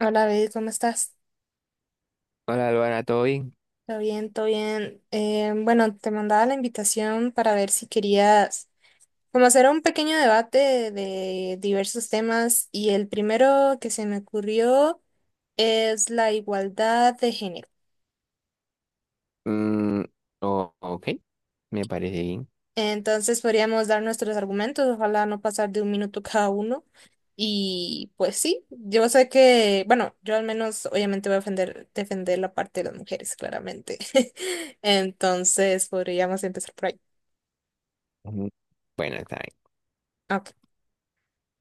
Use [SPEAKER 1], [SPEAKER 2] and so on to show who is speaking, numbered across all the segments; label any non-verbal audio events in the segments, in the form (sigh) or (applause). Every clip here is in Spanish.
[SPEAKER 1] Hola, David, ¿cómo estás?
[SPEAKER 2] Hola, Luana, ¿todo bien?
[SPEAKER 1] ¿Todo bien? ¿Todo bien? Bueno, te mandaba la invitación para ver si querías como hacer un pequeño debate de diversos temas y el primero que se me ocurrió es la igualdad de género.
[SPEAKER 2] Mm, ok, me parece bien.
[SPEAKER 1] Entonces podríamos dar nuestros argumentos, ojalá no pasar de un minuto (laughs) cada uno. Y pues sí, yo sé que, bueno, yo al menos obviamente voy a defender, defender la parte de las mujeres, claramente. (laughs) Entonces podríamos empezar por ahí.
[SPEAKER 2] Ujú. Bueno, está
[SPEAKER 1] Ok.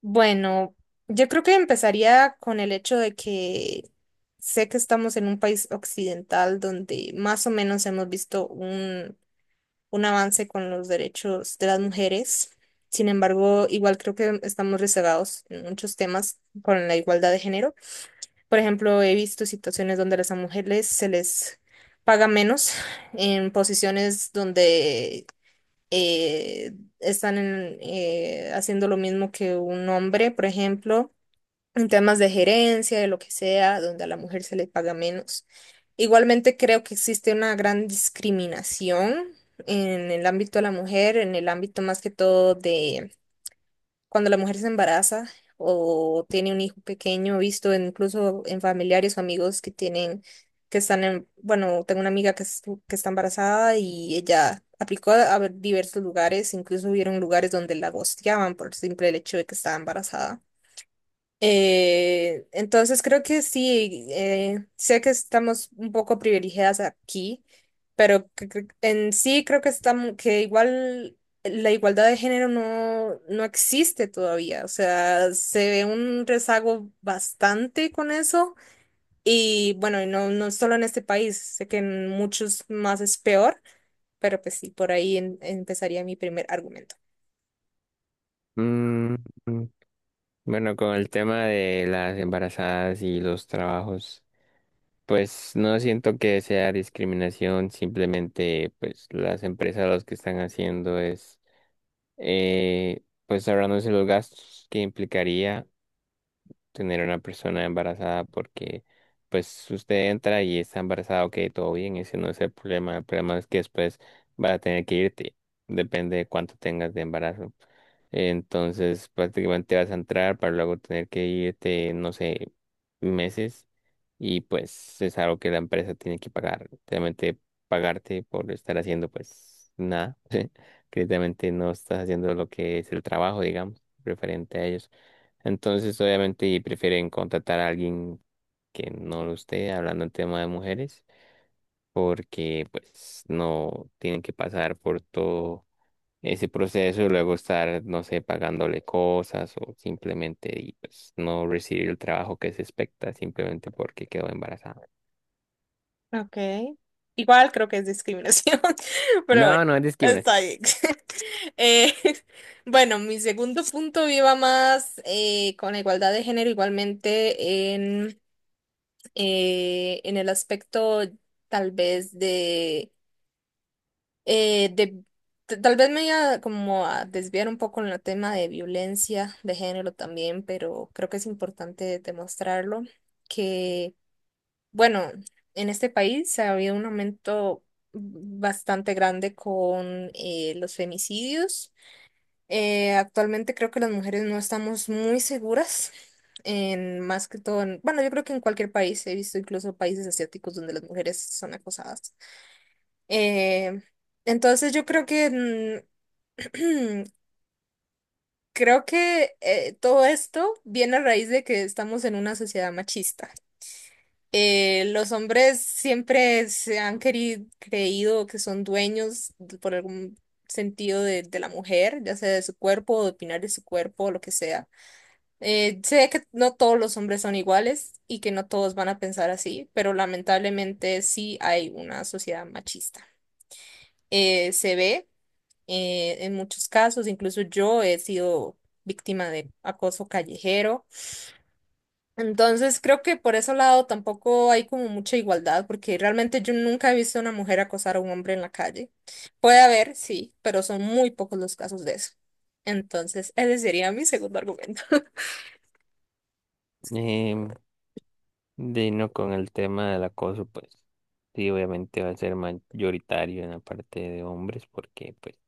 [SPEAKER 1] Bueno, yo creo que empezaría con el hecho de que sé que estamos en un país occidental donde más o menos hemos visto un avance con los derechos de las mujeres. Sin embargo, igual creo que estamos rezagados en muchos temas con la igualdad de género. Por ejemplo, he visto situaciones donde a las mujeres se les paga menos en posiciones donde eh, están en, haciendo lo mismo que un hombre, por ejemplo en temas de gerencia, de lo que sea, donde a la mujer se le paga menos. Igualmente creo que existe una gran discriminación en el ámbito de la mujer, en el ámbito más que todo de cuando la mujer se embaraza o tiene un hijo pequeño, visto incluso en familiares o amigos que tienen, que están en, bueno, tengo una amiga que, que está embarazada y ella aplicó a diversos lugares, incluso hubieron lugares donde la gosteaban por el simple hecho de que estaba embarazada. Entonces creo que sí, sé que estamos un poco privilegiadas aquí, pero en sí creo que estamos, que igual la igualdad de género no, no existe todavía. O sea, se ve un rezago bastante con eso. Y bueno, y no, no solo en este país, sé que en muchos más es peor, pero pues sí, por ahí empezaría mi primer argumento.
[SPEAKER 2] bien. Mm, bueno, con el tema de las embarazadas y los trabajos, pues no siento que sea discriminación, simplemente pues las empresas lo que están haciendo es pues ahorrándose los gastos que implicaría, tener una persona embarazada porque pues usted entra y está embarazada, ok, todo bien, ese no es el problema es que después va a tener que irte, depende de cuánto tengas de embarazo. Entonces prácticamente vas a entrar para luego tener que irte, no sé, meses, y pues es algo que la empresa tiene que pagar, realmente pagarte por estar haciendo pues nada, (laughs) que realmente no estás haciendo lo que es el trabajo, digamos, referente a ellos. Entonces, obviamente, prefieren contratar a alguien que no lo esté hablando en tema de mujeres, porque pues no tienen que pasar por todo ese proceso y luego estar, no sé, pagándole cosas o simplemente y, pues, no recibir el trabajo que se expecta simplemente porque quedó embarazada.
[SPEAKER 1] Ok. Igual creo que es discriminación, (laughs) pero bueno,
[SPEAKER 2] No, no es discriminación.
[SPEAKER 1] está bien. (laughs) Eh, bueno, mi segundo punto iba más con la igualdad de género, igualmente en el aspecto tal vez de tal vez me iba como a desviar un poco en el tema de violencia de género también, pero creo que es importante demostrarlo, bueno, en este país ha habido un aumento bastante grande con los femicidios. Actualmente creo que las mujeres no estamos muy seguras, en, más que todo en, bueno, yo creo que en cualquier país, he visto incluso países asiáticos donde las mujeres son acosadas. Eh, entonces yo creo que (clears throat) creo que todo esto viene a raíz de que estamos en una sociedad machista. Los hombres siempre se han querido, creído que son dueños por algún sentido de la mujer, ya sea de su cuerpo o de opinar de su cuerpo o lo que sea. Sé que no todos los hombres son iguales y que no todos van a pensar así, pero lamentablemente sí hay una sociedad machista. Se ve en muchos casos, incluso yo he sido víctima de acoso callejero, entonces creo que por ese lado tampoco hay como mucha igualdad, porque realmente yo nunca he visto a una mujer acosar a un hombre en la calle. Puede haber, sí, pero son muy pocos los casos de eso. Entonces, ese sería mi segundo argumento.
[SPEAKER 2] Em, de no con el tema del acoso, pues sí, obviamente va a ser mayoritario en la parte de hombres porque pues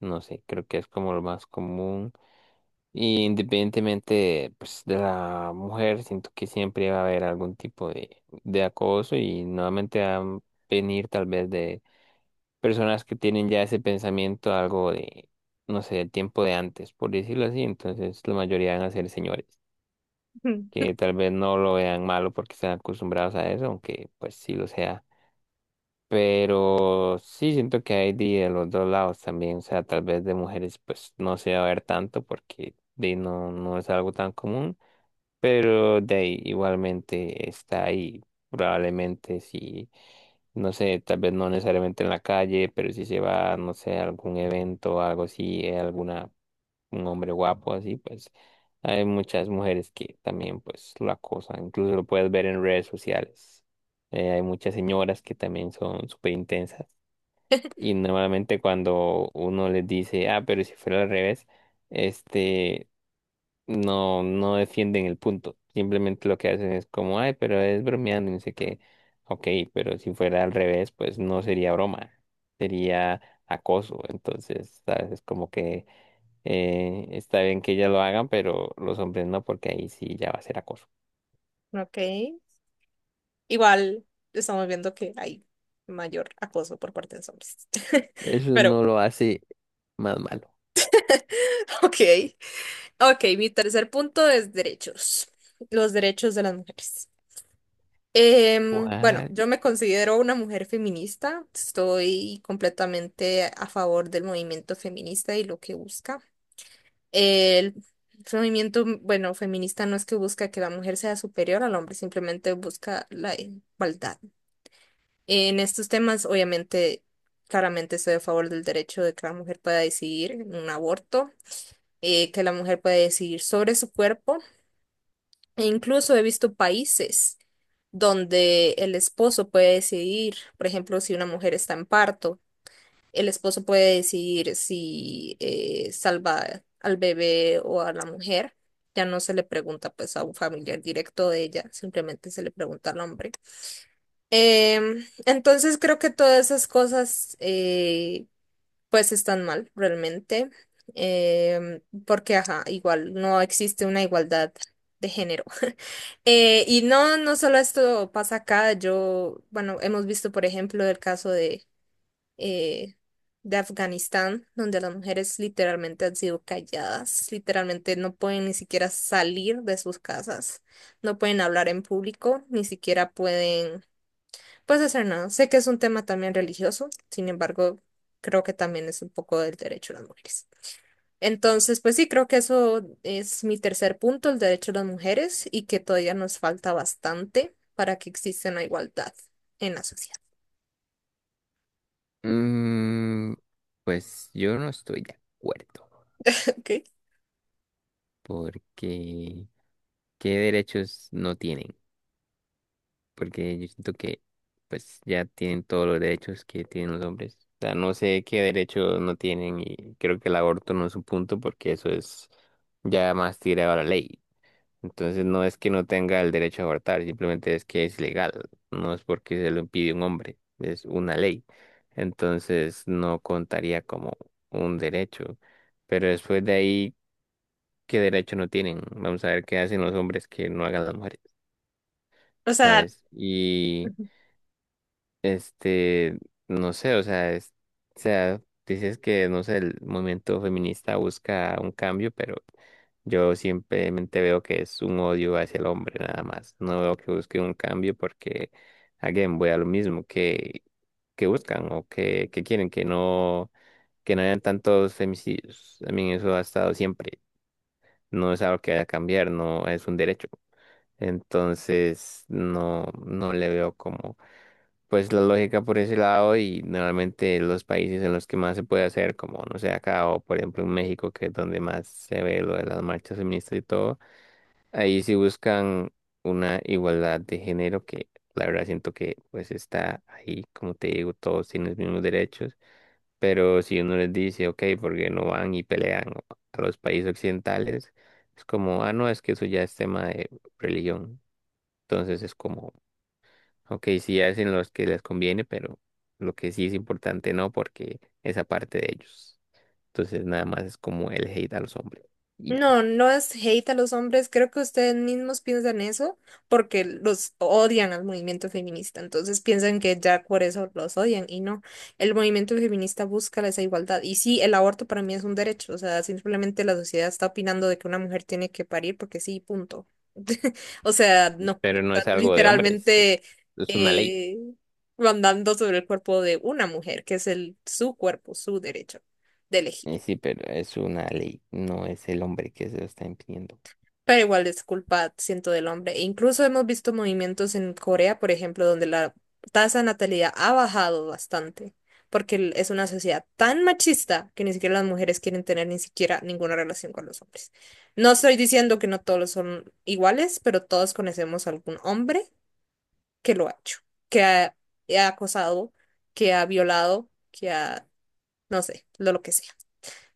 [SPEAKER 2] no sé, creo que es como lo más común. Y independientemente pues, de la mujer, siento que siempre va a haber algún tipo de acoso y nuevamente van a venir tal vez de personas que tienen ya ese pensamiento algo de, no sé, del tiempo de antes, por decirlo así. Entonces la mayoría van a ser señores, que
[SPEAKER 1] (laughs)
[SPEAKER 2] tal vez no lo vean malo porque están acostumbrados a eso, aunque pues sí lo sea, pero sí siento que hay de, los dos lados también, o sea, tal vez de mujeres pues no se va a ver tanto porque de ahí, no, no es algo tan común, pero de ahí igualmente está ahí, probablemente sí, no sé, tal vez no necesariamente en la calle, pero si se va, no sé, a algún evento o algo así, alguna un hombre guapo así, pues hay muchas mujeres que también pues lo acosan, incluso lo puedes ver en redes sociales. Hay muchas señoras que también son súper intensas y normalmente cuando uno les dice, ah, pero si fuera al revés, este, no, no defienden el punto, simplemente lo que hacen es como, ay, pero es bromeando y no sé qué, ok, pero si fuera al revés, pues no sería broma, sería acoso, entonces, ¿sabes? Es como que está bien que ellas lo hagan, pero los hombres no, porque ahí sí ya va a ser acoso.
[SPEAKER 1] Ok. Igual estamos viendo que hay mayor acoso por parte de los hombres. (laughs)
[SPEAKER 2] Eso
[SPEAKER 1] Pero,
[SPEAKER 2] no lo hace más malo.
[SPEAKER 1] ok. Ok, mi tercer punto es derechos. Los derechos de las mujeres. Bueno,
[SPEAKER 2] ¿Cuál?
[SPEAKER 1] yo me considero una mujer feminista, estoy completamente a favor del movimiento feminista y lo que busca. El movimiento, bueno, feminista no es que busca que la mujer sea superior al hombre, simplemente busca la igualdad. En estos temas, obviamente, claramente estoy a favor del derecho de que la mujer pueda decidir en un aborto, que la mujer pueda decidir sobre su cuerpo, e incluso he visto países donde el esposo puede decidir, por ejemplo, si una mujer está en parto, el esposo puede decidir si salva al bebé o a la mujer. Ya no se le pregunta pues a un familiar directo de ella, simplemente se le pregunta al hombre. Entonces creo que todas esas cosas pues están mal realmente, em, porque ajá, igual no existe una igualdad de género. (laughs) Y no, no solo esto pasa acá, yo, bueno, hemos visto, por ejemplo, el caso eh, de Afganistán, donde las mujeres literalmente han sido calladas, literalmente no pueden ni siquiera salir de sus casas, no pueden hablar en público, ni siquiera pueden pues hacer nada. Sé que es un tema también religioso, sin embargo, creo que también es un poco del derecho de las mujeres. Entonces, pues sí, creo que eso es mi tercer punto, el derecho de las mujeres, y que todavía nos falta bastante para que exista una igualdad en la sociedad.
[SPEAKER 2] Mm, pues yo no estoy de acuerdo,
[SPEAKER 1] (laughs) ¿Ok?
[SPEAKER 2] porque ¿qué derechos no tienen? Porque yo siento que pues ya tienen todos los derechos que tienen los hombres. O sea, no sé qué derechos no tienen y creo que el aborto no es un punto porque eso es ya más tirado a la ley. Entonces no es que no tenga el derecho a abortar, simplemente es que es legal, no es porque se lo impide un hombre, es una ley. Entonces no contaría como un derecho. Pero después de ahí, ¿qué derecho no tienen? Vamos a ver qué hacen los hombres que no hagan las mujeres,
[SPEAKER 1] O sea,
[SPEAKER 2] ¿sabes? Este, no sé, o sea, es, o sea, dices que, no sé, el movimiento feminista busca un cambio, pero yo simplemente veo que es un odio hacia el hombre nada más. No veo que busque un cambio porque, again, voy a lo mismo que buscan o que quieren, que no hayan tantos femicidios. También eso ha estado siempre. No es algo que vaya a cambiar, no es un derecho. Entonces, no, no le veo como pues la lógica por ese lado y normalmente los países en los que más se puede hacer, como no sé, acá o por ejemplo en México, que es donde más se ve lo de las marchas feministas y todo, ahí sí buscan una igualdad de género que la verdad siento que pues está ahí, como te digo, todos tienen los mismos derechos, pero si uno les dice, ok, ¿porque no van y pelean a los países occidentales? Es como, ah, no, es que eso ya es tema de religión. Entonces es como, ok, sí hacen los que les conviene, pero lo que sí es importante no, porque esa parte de ellos. Entonces nada más es como el hate a los hombres. Y ya.
[SPEAKER 1] no, no es hate a los hombres, creo que ustedes mismos piensan eso porque los odian al movimiento feminista, entonces piensan que ya por eso los odian y no, el movimiento feminista busca esa igualdad y sí, el aborto para mí es un derecho, o sea, simplemente la sociedad está opinando de que una mujer tiene que parir porque sí, punto. (laughs) O sea, no,
[SPEAKER 2] Pero no
[SPEAKER 1] están
[SPEAKER 2] es algo de hombres,
[SPEAKER 1] literalmente
[SPEAKER 2] es una ley.
[SPEAKER 1] eh, mandando sobre el cuerpo de una mujer, que es el su cuerpo, su derecho de elegir.
[SPEAKER 2] Sí, pero es una ley, no es el hombre que se lo está impidiendo.
[SPEAKER 1] Pero igual es culpa, siento, del hombre. E incluso hemos visto movimientos en Corea, por ejemplo, donde la tasa de natalidad ha bajado bastante, porque es una sociedad tan machista que ni siquiera las mujeres quieren tener ni siquiera ninguna relación con los hombres. No estoy diciendo que no todos son iguales, pero todos conocemos algún hombre que lo ha hecho, que ha, ha acosado, que ha violado, que ha, no sé, lo que sea.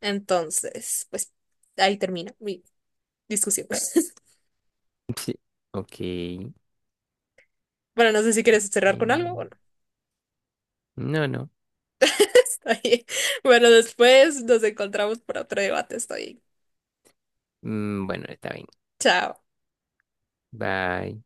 [SPEAKER 1] Entonces, pues ahí termina mi discusión. (laughs)
[SPEAKER 2] Sí. Ok.
[SPEAKER 1] Bueno, no sé si quieres
[SPEAKER 2] Ok.
[SPEAKER 1] cerrar con algo. Bueno,
[SPEAKER 2] No, no.
[SPEAKER 1] (laughs) está bien. Bueno, después nos encontramos para otro debate. Estoy.
[SPEAKER 2] Bueno, está bien.
[SPEAKER 1] Chao.
[SPEAKER 2] Bye.